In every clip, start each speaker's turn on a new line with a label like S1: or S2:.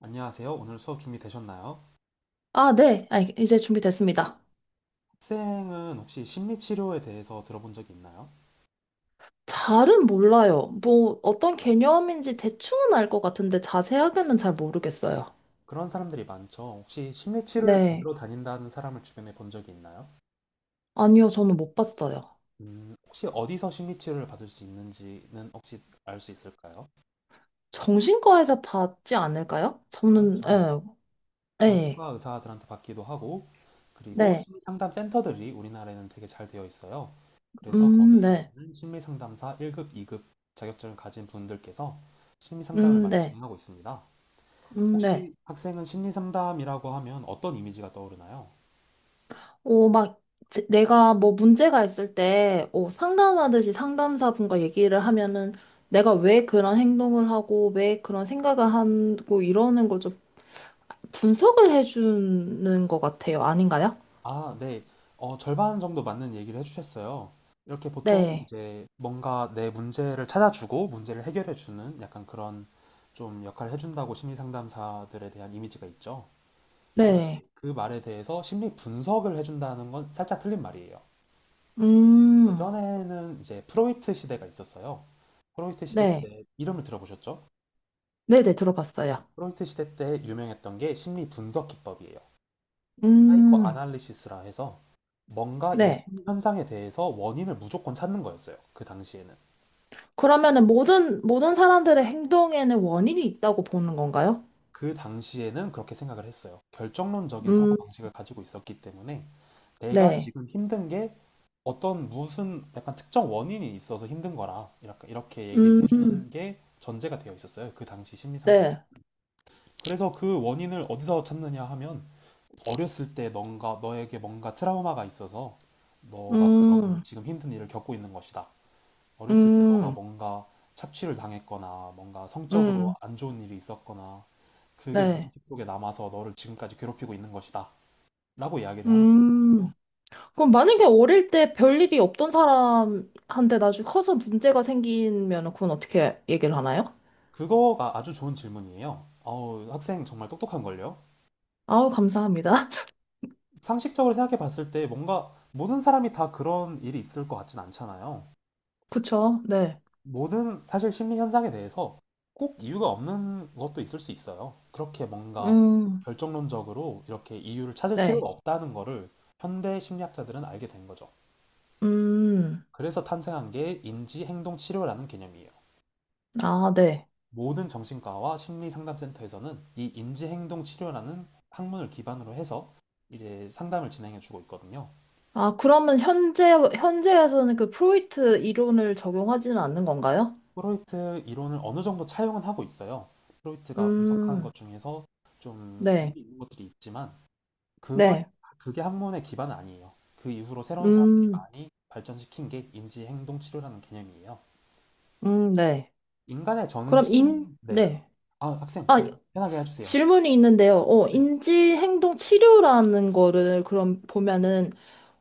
S1: 안녕하세요. 오늘 수업 준비되셨나요?
S2: 아, 네. 아, 이제 준비됐습니다.
S1: 학생은 혹시 심리치료에 대해서 들어본 적이 있나요?
S2: 잘은 몰라요. 뭐, 어떤 개념인지 대충은 알 것 같은데 자세하게는 잘 모르겠어요.
S1: 그런 사람들이 많죠. 혹시 심리치료를
S2: 네.
S1: 받으러 다닌다는 사람을 주변에 본 적이 있나요?
S2: 아니요, 저는 못 봤어요.
S1: 혹시 어디서 심리치료를 받을 수 있는지는 혹시 알 수 있을까요?
S2: 정신과에서 봤지 않을까요? 저는,
S1: 그렇죠.
S2: 예, 예,
S1: 정신과 의사들한테 받기도 하고, 그리고
S2: 네.
S1: 심리상담센터들이 우리나라에는 되게 잘 되어 있어요. 그래서 거기에
S2: 네.
S1: 계시는 심리상담사 1급, 2급 자격증을 가진 분들께서 심리상담을 많이
S2: 네.
S1: 진행하고 있습니다.
S2: 네.
S1: 혹시 학생은 심리 상담이라고 하면 어떤 이미지가 떠오르나요?
S2: 오, 막, 내가 뭐 문제가 있을 때, 오, 상담하듯이 상담사분과 얘기를 하면은 내가 왜 그런 행동을 하고, 왜 그런 생각을 하고, 이러는 거죠. 분석을 해주는 것 같아요. 아닌가요?
S1: 아, 네. 절반 정도 맞는 얘기를 해주셨어요. 이렇게 보통
S2: 네.
S1: 이제 뭔가 내 문제를 찾아주고 문제를 해결해주는 약간 그런 좀 역할을 해준다고 심리 상담사들에 대한 이미지가 있죠. 그런데
S2: 네.
S1: 그 말에 대해서 심리 분석을 해준다는 건 살짝 틀린 말이에요.
S2: 음,
S1: 예전에는 이제 프로이트 시대가 있었어요. 프로이트 시대
S2: 네.
S1: 때 이름을 들어보셨죠?
S2: 네네, 들어봤어요.
S1: 프로이트 시대 때 유명했던 게 심리 분석 기법이에요. 그
S2: 음,
S1: 아날리시스라 해서 뭔가 이
S2: 네.
S1: 심리 현상에 대해서 원인을 무조건 찾는 거였어요. 그 당시에는.
S2: 그러면은 모든 사람들의 행동에는 원인이 있다고 보는 건가요?
S1: 그 당시에는 그렇게 생각을 했어요. 결정론적인 사고
S2: 음,
S1: 방식을 가지고 있었기 때문에 내가
S2: 네.
S1: 지금 힘든 게 어떤 무슨 약간 특정 원인이 있어서 힘든 거라 이렇게 얘기를
S2: 음,
S1: 해주는 게 전제가 되어 있었어요. 그 당시 심리 상담.
S2: 네.
S1: 그래서 그 원인을 어디서 찾느냐 하면 어렸을 때 뭔가 너에게 뭔가 트라우마가 있어서 너가 그런
S2: 음,
S1: 지금 힘든 일을 겪고 있는 것이다. 어렸을 때 너가
S2: 음,
S1: 뭔가 착취를 당했거나 뭔가 성적으로
S2: 음,
S1: 안 좋은 일이 있었거나 그게
S2: 네.
S1: 무의식 속에 남아서 너를 지금까지 괴롭히고 있는 것이다. 라고 이야기를 하는
S2: 음.
S1: 거거든요.
S2: 그럼 만약에 어릴 때 별일이 없던 사람한테 나중에 커서 문제가 생기면 그건 어떻게 얘기를 하나요?
S1: 그거가 아주 좋은 질문이에요. 어우, 학생 정말 똑똑한걸요?
S2: 아우, 감사합니다.
S1: 상식적으로 생각해 봤을 때 뭔가 모든 사람이 다 그런 일이 있을 것 같진 않잖아요.
S2: 그쵸? 네.
S1: 모든 사실 심리 현상에 대해서 꼭 이유가 없는 것도 있을 수 있어요. 그렇게 뭔가
S2: 음,
S1: 결정론적으로 이렇게 이유를 찾을
S2: 네.
S1: 필요가 없다는 거를 현대 심리학자들은 알게 된 거죠.
S2: 음,
S1: 그래서 탄생한 게 인지 행동 치료라는 개념이에요.
S2: 아, 네.
S1: 모든 정신과와 심리 상담센터에서는 이 인지 행동 치료라는 학문을 기반으로 해서 이제 상담을 진행해 주고 있거든요.
S2: 아, 그러면 현재에서는 그 프로이트 이론을 적용하지는 않는 건가요?
S1: 프로이트 이론을 어느 정도 차용은 하고 있어요. 프로이트가 분석한
S2: 음,
S1: 것 중에서 좀
S2: 네.
S1: 의미 있는 것들이 있지만 그걸
S2: 네.
S1: 그게 학문의 기반은 아니에요. 그 이후로 새로운 사람들이
S2: 음,
S1: 많이 발전시킨 게 인지 행동 치료라는 개념이에요.
S2: 네.
S1: 인간의 정신, 네.
S2: 네.
S1: 아, 학생
S2: 아,
S1: 지금 편하게 해주세요.
S2: 질문이 있는데요.
S1: 네.
S2: 인지행동 치료라는 거를 그럼 보면은,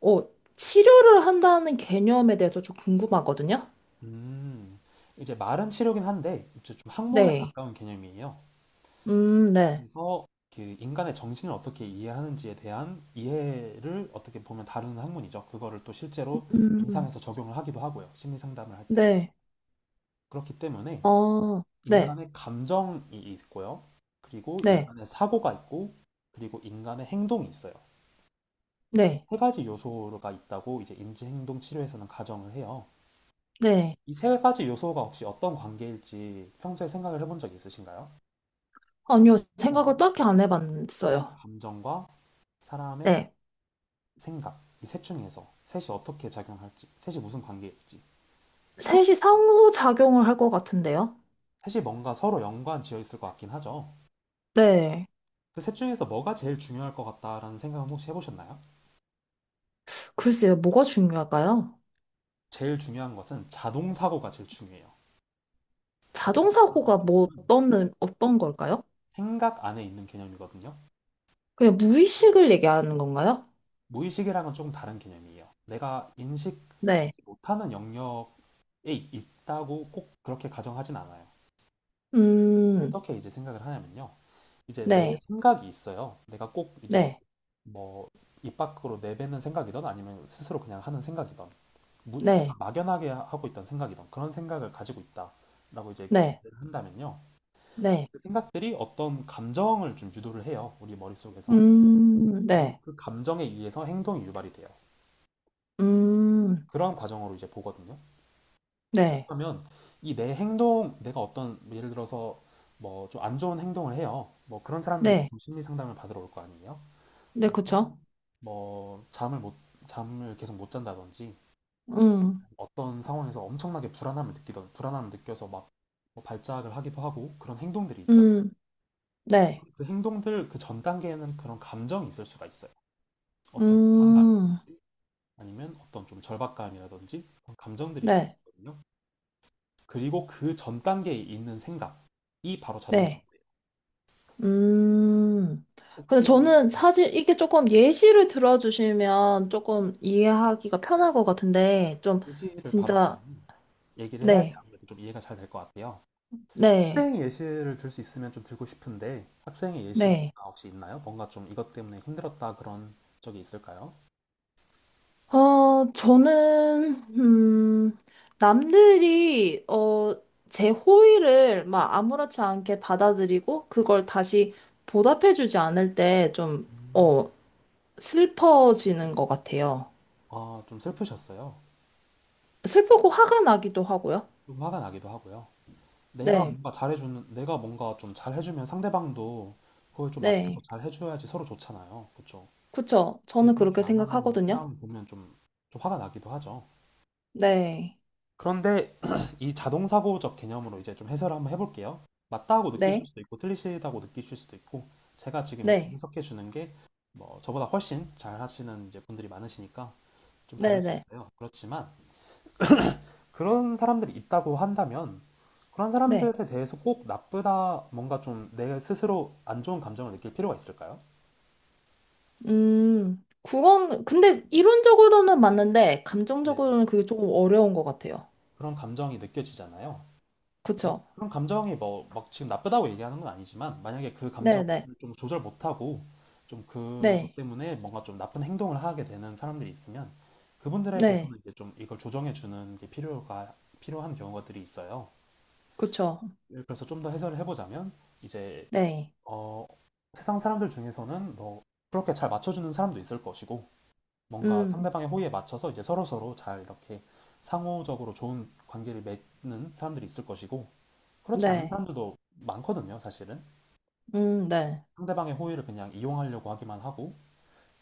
S2: 어, 치료를 한다는 개념에 대해서 좀 궁금하거든요?
S1: 음, 이제 말은 치료긴 한데 이제 좀 학문에
S2: 네.
S1: 가까운 개념이에요.
S2: 네.
S1: 그래서 그 인간의 정신을 어떻게 이해하는지에 대한 이해를 어떻게 보면 다루는 학문이죠. 그거를 또 실제로
S2: 음,
S1: 임상에서 적용을 하기도 하고요. 심리 상담을 할 때.
S2: 네.
S1: 그렇기 때문에
S2: 어, 네.
S1: 인간의 감정이 있고요. 그리고
S2: 네.
S1: 인간의 사고가 있고, 그리고 인간의 행동이 있어요.
S2: 네,
S1: 세 가지 요소가 있다고 이제 인지행동 치료에서는 가정을 해요.
S2: 네.
S1: 이 세 가지 요소가 혹시 어떤 관계일지 평소에 생각을 해본 적 있으신가요? 사람의
S2: 아니요, 생각을
S1: 행동과
S2: 딱히 안
S1: 사람의
S2: 해봤어요.
S1: 감정과 사람의
S2: 네.
S1: 생각, 이 셋 중에서 셋이 어떻게 작용할지, 셋이 무슨 관계일지. 처음
S2: 셋이 상호작용을 할 것 같은데요.
S1: 셋이 뭔가 서로 연관 지어 있을 것 같긴 하죠.
S2: 네.
S1: 그 셋 중에서 뭐가 제일 중요할 것 같다라는 생각은 혹시 해보셨나요?
S2: 글쎄요, 뭐가 중요할까요?
S1: 제일 중요한 것은 자동 사고가 제일 중요해요. 자동 사고라는
S2: 자동사고가 뭐
S1: 개념은
S2: 어떤 걸까요?
S1: 생각 안에 있는 개념이거든요.
S2: 그냥 무의식을 얘기하는 건가요?
S1: 무의식이랑은 조금 다른 개념이에요. 내가
S2: 네.
S1: 인식하지 못하는 영역에 있다고 꼭 그렇게 가정하진 않아요.
S2: 음,
S1: 어떻게 이제 생각을 하냐면요. 이제 내
S2: 네,
S1: 생각이 있어요. 내가 꼭 이제
S2: 네,
S1: 뭐 입 밖으로 내뱉는 생각이든 아니면 스스로 그냥 하는 생각이든
S2: 네,
S1: 약간 막연하게 하고 있던 생각이든 그런 생각을 가지고 있다라고 이제
S2: 네,
S1: 전제를 한다면요.
S2: 네.
S1: 그 생각들이 어떤 감정을 좀 유도를 해요. 우리 머릿속에서. 그리고
S2: 네,
S1: 그 감정에 의해서 행동이 유발이 돼요.
S2: 음,
S1: 그런 과정으로 이제 보거든요.
S2: 네,
S1: 그렇다면 이 내 행동, 내가 어떤 예를 들어서 뭐 좀 안 좋은 행동을 해요. 뭐 그런 사람들이
S2: 네,
S1: 보통 심리 상담을 받으러 올 거 아니에요.
S2: 네,
S1: 어,
S2: 그쵸?
S1: 뭐 잠을 계속 못 잔다든지
S2: 음,
S1: 어떤 상황에서 엄청나게 불안함을 느끼던 불안함을 느껴서 막뭐 발작을 하기도 하고 그런 행동들이 있잖아요.
S2: 음, 네,
S1: 그 행동들 그 전 단계에는 그런 감정이 있을 수가 있어요. 어떤
S2: 음,
S1: 불안감이라든지 아니면 어떤 좀 절박감이라든지 그런 감정들이 있을
S2: 네.
S1: 수 있거든요. 그리고 그 전 단계에 있는 생각이 바로
S2: 네.
S1: 자동사고예요.
S2: 음. 근데
S1: 혹시
S2: 저는
S1: 네,
S2: 사실 이게 조금 예시를 들어주시면 조금 이해하기가 편할 것 같은데, 좀,
S1: 예시를 바로
S2: 진짜,
S1: 그러면 얘기를 해야지
S2: 네,
S1: 아무래도 좀 이해가 잘 될 것 같아요.
S2: 네,
S1: 학생 예시를 들 수 있으면 좀 들고 싶은데 학생의
S2: 네.
S1: 예시가 혹시 있나요? 뭔가 좀 이것 때문에 힘들었다 그런 적이 있을까요?
S2: 저는, 남들이, 제 호의를 막 아무렇지 않게 받아들이고, 그걸 다시 보답해주지 않을 때 좀,
S1: 음.
S2: 어, 슬퍼지는 것 같아요.
S1: 아, 좀 슬프셨어요.
S2: 슬프고 화가 나기도 하고요.
S1: 좀 화가 나기도 하고요. 내가
S2: 네,
S1: 뭔가 잘해주는, 내가 뭔가 좀 잘해주면 상대방도 그걸 좀 맞춰서
S2: 네.
S1: 잘해줘야지 서로 좋잖아요. 그쵸?
S2: 그쵸?
S1: 근데
S2: 저는
S1: 그렇게
S2: 그렇게
S1: 안 하는
S2: 생각하거든요.
S1: 사람을 보면 좀, 좀 화가 나기도 하죠.
S2: 네,
S1: 그런데 이 자동사고적 개념으로 이제 좀 해설을 한번 해볼게요. 맞다고 느끼실
S2: 네,
S1: 수도 있고 틀리시다고 느끼실 수도 있고 제가 지금 이렇게
S2: 네,
S1: 해석해 주는 게 뭐 저보다 훨씬 잘 하시는 이제 분들이 많으시니까 좀
S2: 네,
S1: 다를 수
S2: 네,
S1: 있어요. 그렇지만 그런 사람들이 있다고 한다면 그런
S2: 네.
S1: 사람들에 대해서 꼭 나쁘다 뭔가 좀 내 스스로 안 좋은 감정을 느낄 필요가 있을까요?
S2: 근데 이론적으로는 맞는데,
S1: 네네.
S2: 감정적으로는 그게 조금 어려운 것 같아요.
S1: 그런 감정이 느껴지잖아요. 뭐
S2: 그쵸?
S1: 그런 감정이 뭐 막 지금 나쁘다고 얘기하는 건 아니지만 만약에 그
S2: 네,
S1: 감정을
S2: 네,
S1: 좀 조절 못하고 좀 그것
S2: 네,
S1: 때문에 뭔가 좀 나쁜 행동을 하게 되는 사람들이 있으면
S2: 네,
S1: 그분들에게서는 이제 좀 이걸 조정해 주는 게 필요가 필요한 경우들이 있어요.
S2: 그쵸?
S1: 그래서 좀 더 해설을 해보자면 이제
S2: 네,
S1: 어, 세상 사람들 중에서는 뭐 그렇게 잘 맞춰주는 사람도 있을 것이고 뭔가
S2: 음,
S1: 상대방의 호의에 맞춰서 이제 서로서로 잘 이렇게 상호적으로 좋은 관계를 맺는 사람들이 있을 것이고 그렇지 않은
S2: 네,
S1: 사람들도 많거든요, 사실은.
S2: 네,
S1: 상대방의 호의를 그냥 이용하려고 하기만 하고,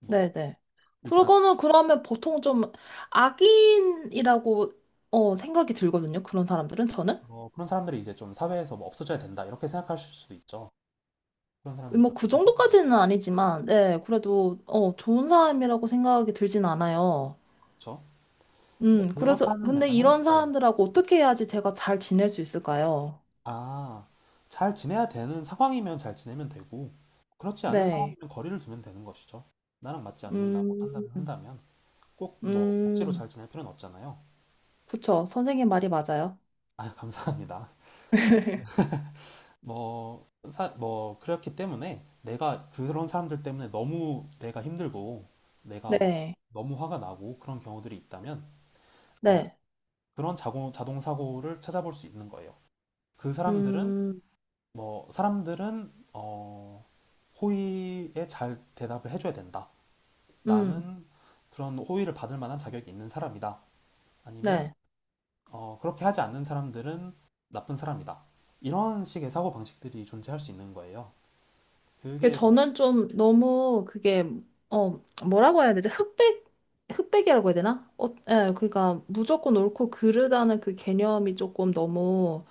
S1: 뭐,
S2: 네, 네.
S1: 일단,
S2: 그거는 그러면 보통 좀 악인이라고, 생각이 들거든요. 그런 사람들은 저는.
S1: 뭐, 그런 사람들이 이제 좀 사회에서 뭐 없어져야 된다, 이렇게 생각하실 수도 있죠. 그런 사람들이
S2: 뭐
S1: 좀
S2: 그
S1: 나쁜 사람들이고,
S2: 정도까지는 아니지만, 네, 그래도 좋은 사람이라고 생각이 들진 않아요.
S1: 그렇죠? 근데
S2: 그래서
S1: 그렇다는
S2: 근데
S1: 약간
S2: 이런
S1: 현실, 네.
S2: 사람들하고 어떻게 해야지 제가 잘 지낼 수 있을까요?
S1: 아, 잘 지내야 되는 상황이면 잘 지내면 되고, 그렇지 않은
S2: 네,
S1: 상황이면 거리를 두면 되는 것이죠. 나랑 맞지 않는다고
S2: 음,
S1: 판단을 한다면, 꼭 뭐, 억지로
S2: 음,
S1: 잘 지낼 필요는 없잖아요.
S2: 그쵸. 선생님 말이 맞아요.
S1: 아, 감사합니다. 뭐, 사, 뭐, 그렇기 때문에 내가 그런 사람들 때문에 너무 내가 힘들고 내가 막
S2: 네,
S1: 너무 화가 나고 그런 경우들이 있다면 어,
S2: 네,
S1: 그런 자동 사고를 찾아볼 수 있는 거예요. 그 사람들은
S2: 음,
S1: 뭐, 사람들은 호의에 잘 대답을 해줘야 된다.
S2: 음,
S1: 나는 그런 호의를 받을 만한 자격이 있는 사람이다. 아니면
S2: 네.
S1: 그렇게 하지 않는 사람들은 나쁜 사람이다. 이런 식의 사고 방식들이 존재할 수 있는 거예요.
S2: 그
S1: 그게
S2: 저는 좀 너무 그게 어 뭐라고 해야 되지? 흑백이라고 해야 되나? 어, 예, 그러니까 무조건 옳고 그르다는 그 개념이 조금 너무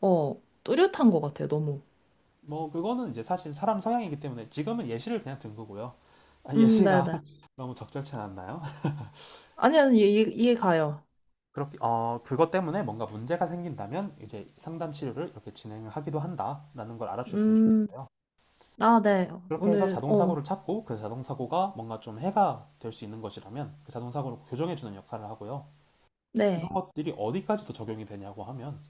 S2: 뚜렷한 것 같아요, 너무.
S1: 뭐 그거는 이제 사실 사람 성향이기 때문에 지금은 예시를 그냥 든 거고요. 아, 예시가
S2: 네네.
S1: 너무 적절치 않았나요?
S2: 아니요, 이 이해 이해 가요.
S1: 그렇게 어 그것 때문에 뭔가 문제가 생긴다면 이제 상담 치료를 이렇게 진행하기도 한다라는 걸 알아주셨으면
S2: 음,
S1: 좋겠어요.
S2: 아, 네.
S1: 그렇게 해서
S2: 오늘,
S1: 자동
S2: 어,
S1: 사고를 찾고 그 자동 사고가 뭔가 좀 해가 될 수 있는 것이라면 그 자동 사고를 교정해 주는 역할을 하고요. 이런
S2: 네,
S1: 것들이 어디까지도 적용이 되냐고 하면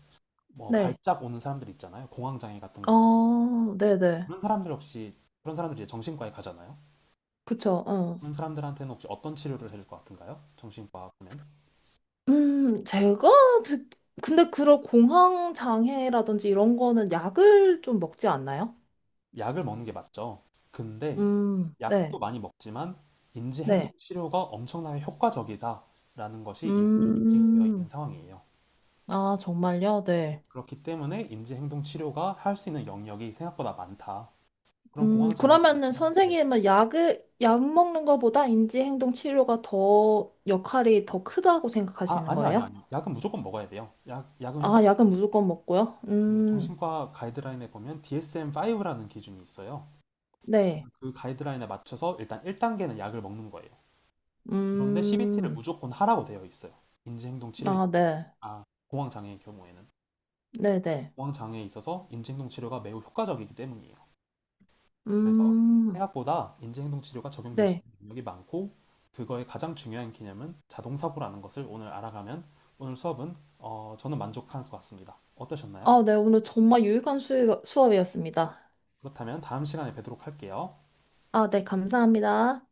S1: 뭐
S2: 네.
S1: 발작 오는 사람들 있잖아요. 공황 장애 같은 걸.
S2: 어, 네네.
S1: 그런 사람들 역시 그런 사람들이 이제 정신과에 가잖아요.
S2: 그쵸, 어.
S1: 그런 사람들한테는 혹시 어떤 치료를 해줄 것 같은가요? 정신과 보면
S2: 음, 제가, 듣- 근데 그런 공황 장애라든지 이런 거는 약을 좀 먹지 않나요?
S1: 약을 먹는 게 맞죠. 근데
S2: 네,
S1: 약도 많이 먹지만 인지 행동
S2: 네.
S1: 치료가 엄청나게 효과적이다라는 것이 이미 좀 입증되어 있는
S2: 음,
S1: 상황이에요.
S2: 아, 정말요? 네.
S1: 그렇기 때문에 인지 행동 치료가 할 수 있는 영역이 생각보다 많다. 그런 공황 장애
S2: 그러면은
S1: 네.
S2: 선생님은 약 먹는 것보다 인지행동 치료가 더 역할이 더 크다고
S1: 아,
S2: 생각하시는 거예요?
S1: 아니요. 약은 무조건 먹어야 돼요. 약은
S2: 아,
S1: 효과가
S2: 약은
S1: 좋아요.
S2: 무조건 먹고요?
S1: 그 정신과 가이드라인에 보면 DSM-5라는 기준이 있어요.
S2: 네.
S1: 그 가이드라인에 맞춰서 일단 1단계는 약을 먹는 거예요. 그런데 CBT를
S2: 음,
S1: 무조건 하라고 되어 있어요. 인지행동 치료,
S2: 아, 네.
S1: 아, 공황장애의 경우에는.
S2: 네네.
S1: 공황장애에 있어서 인지행동 치료가 매우 효과적이기 때문이에요. 그래서
S2: 음,
S1: 생각보다 인지행동 치료가 적용될 수
S2: 네.
S1: 있는 능력이 많고, 그거의 가장 중요한 개념은 자동사고라는 것을 오늘 알아가면 오늘 수업은 저는 만족한 것 같습니다. 어떠셨나요?
S2: 아, 네. 오늘 정말 유익한 수업이었습니다.
S1: 그렇다면 다음 시간에 뵙도록 할게요.
S2: 아, 네. 감사합니다.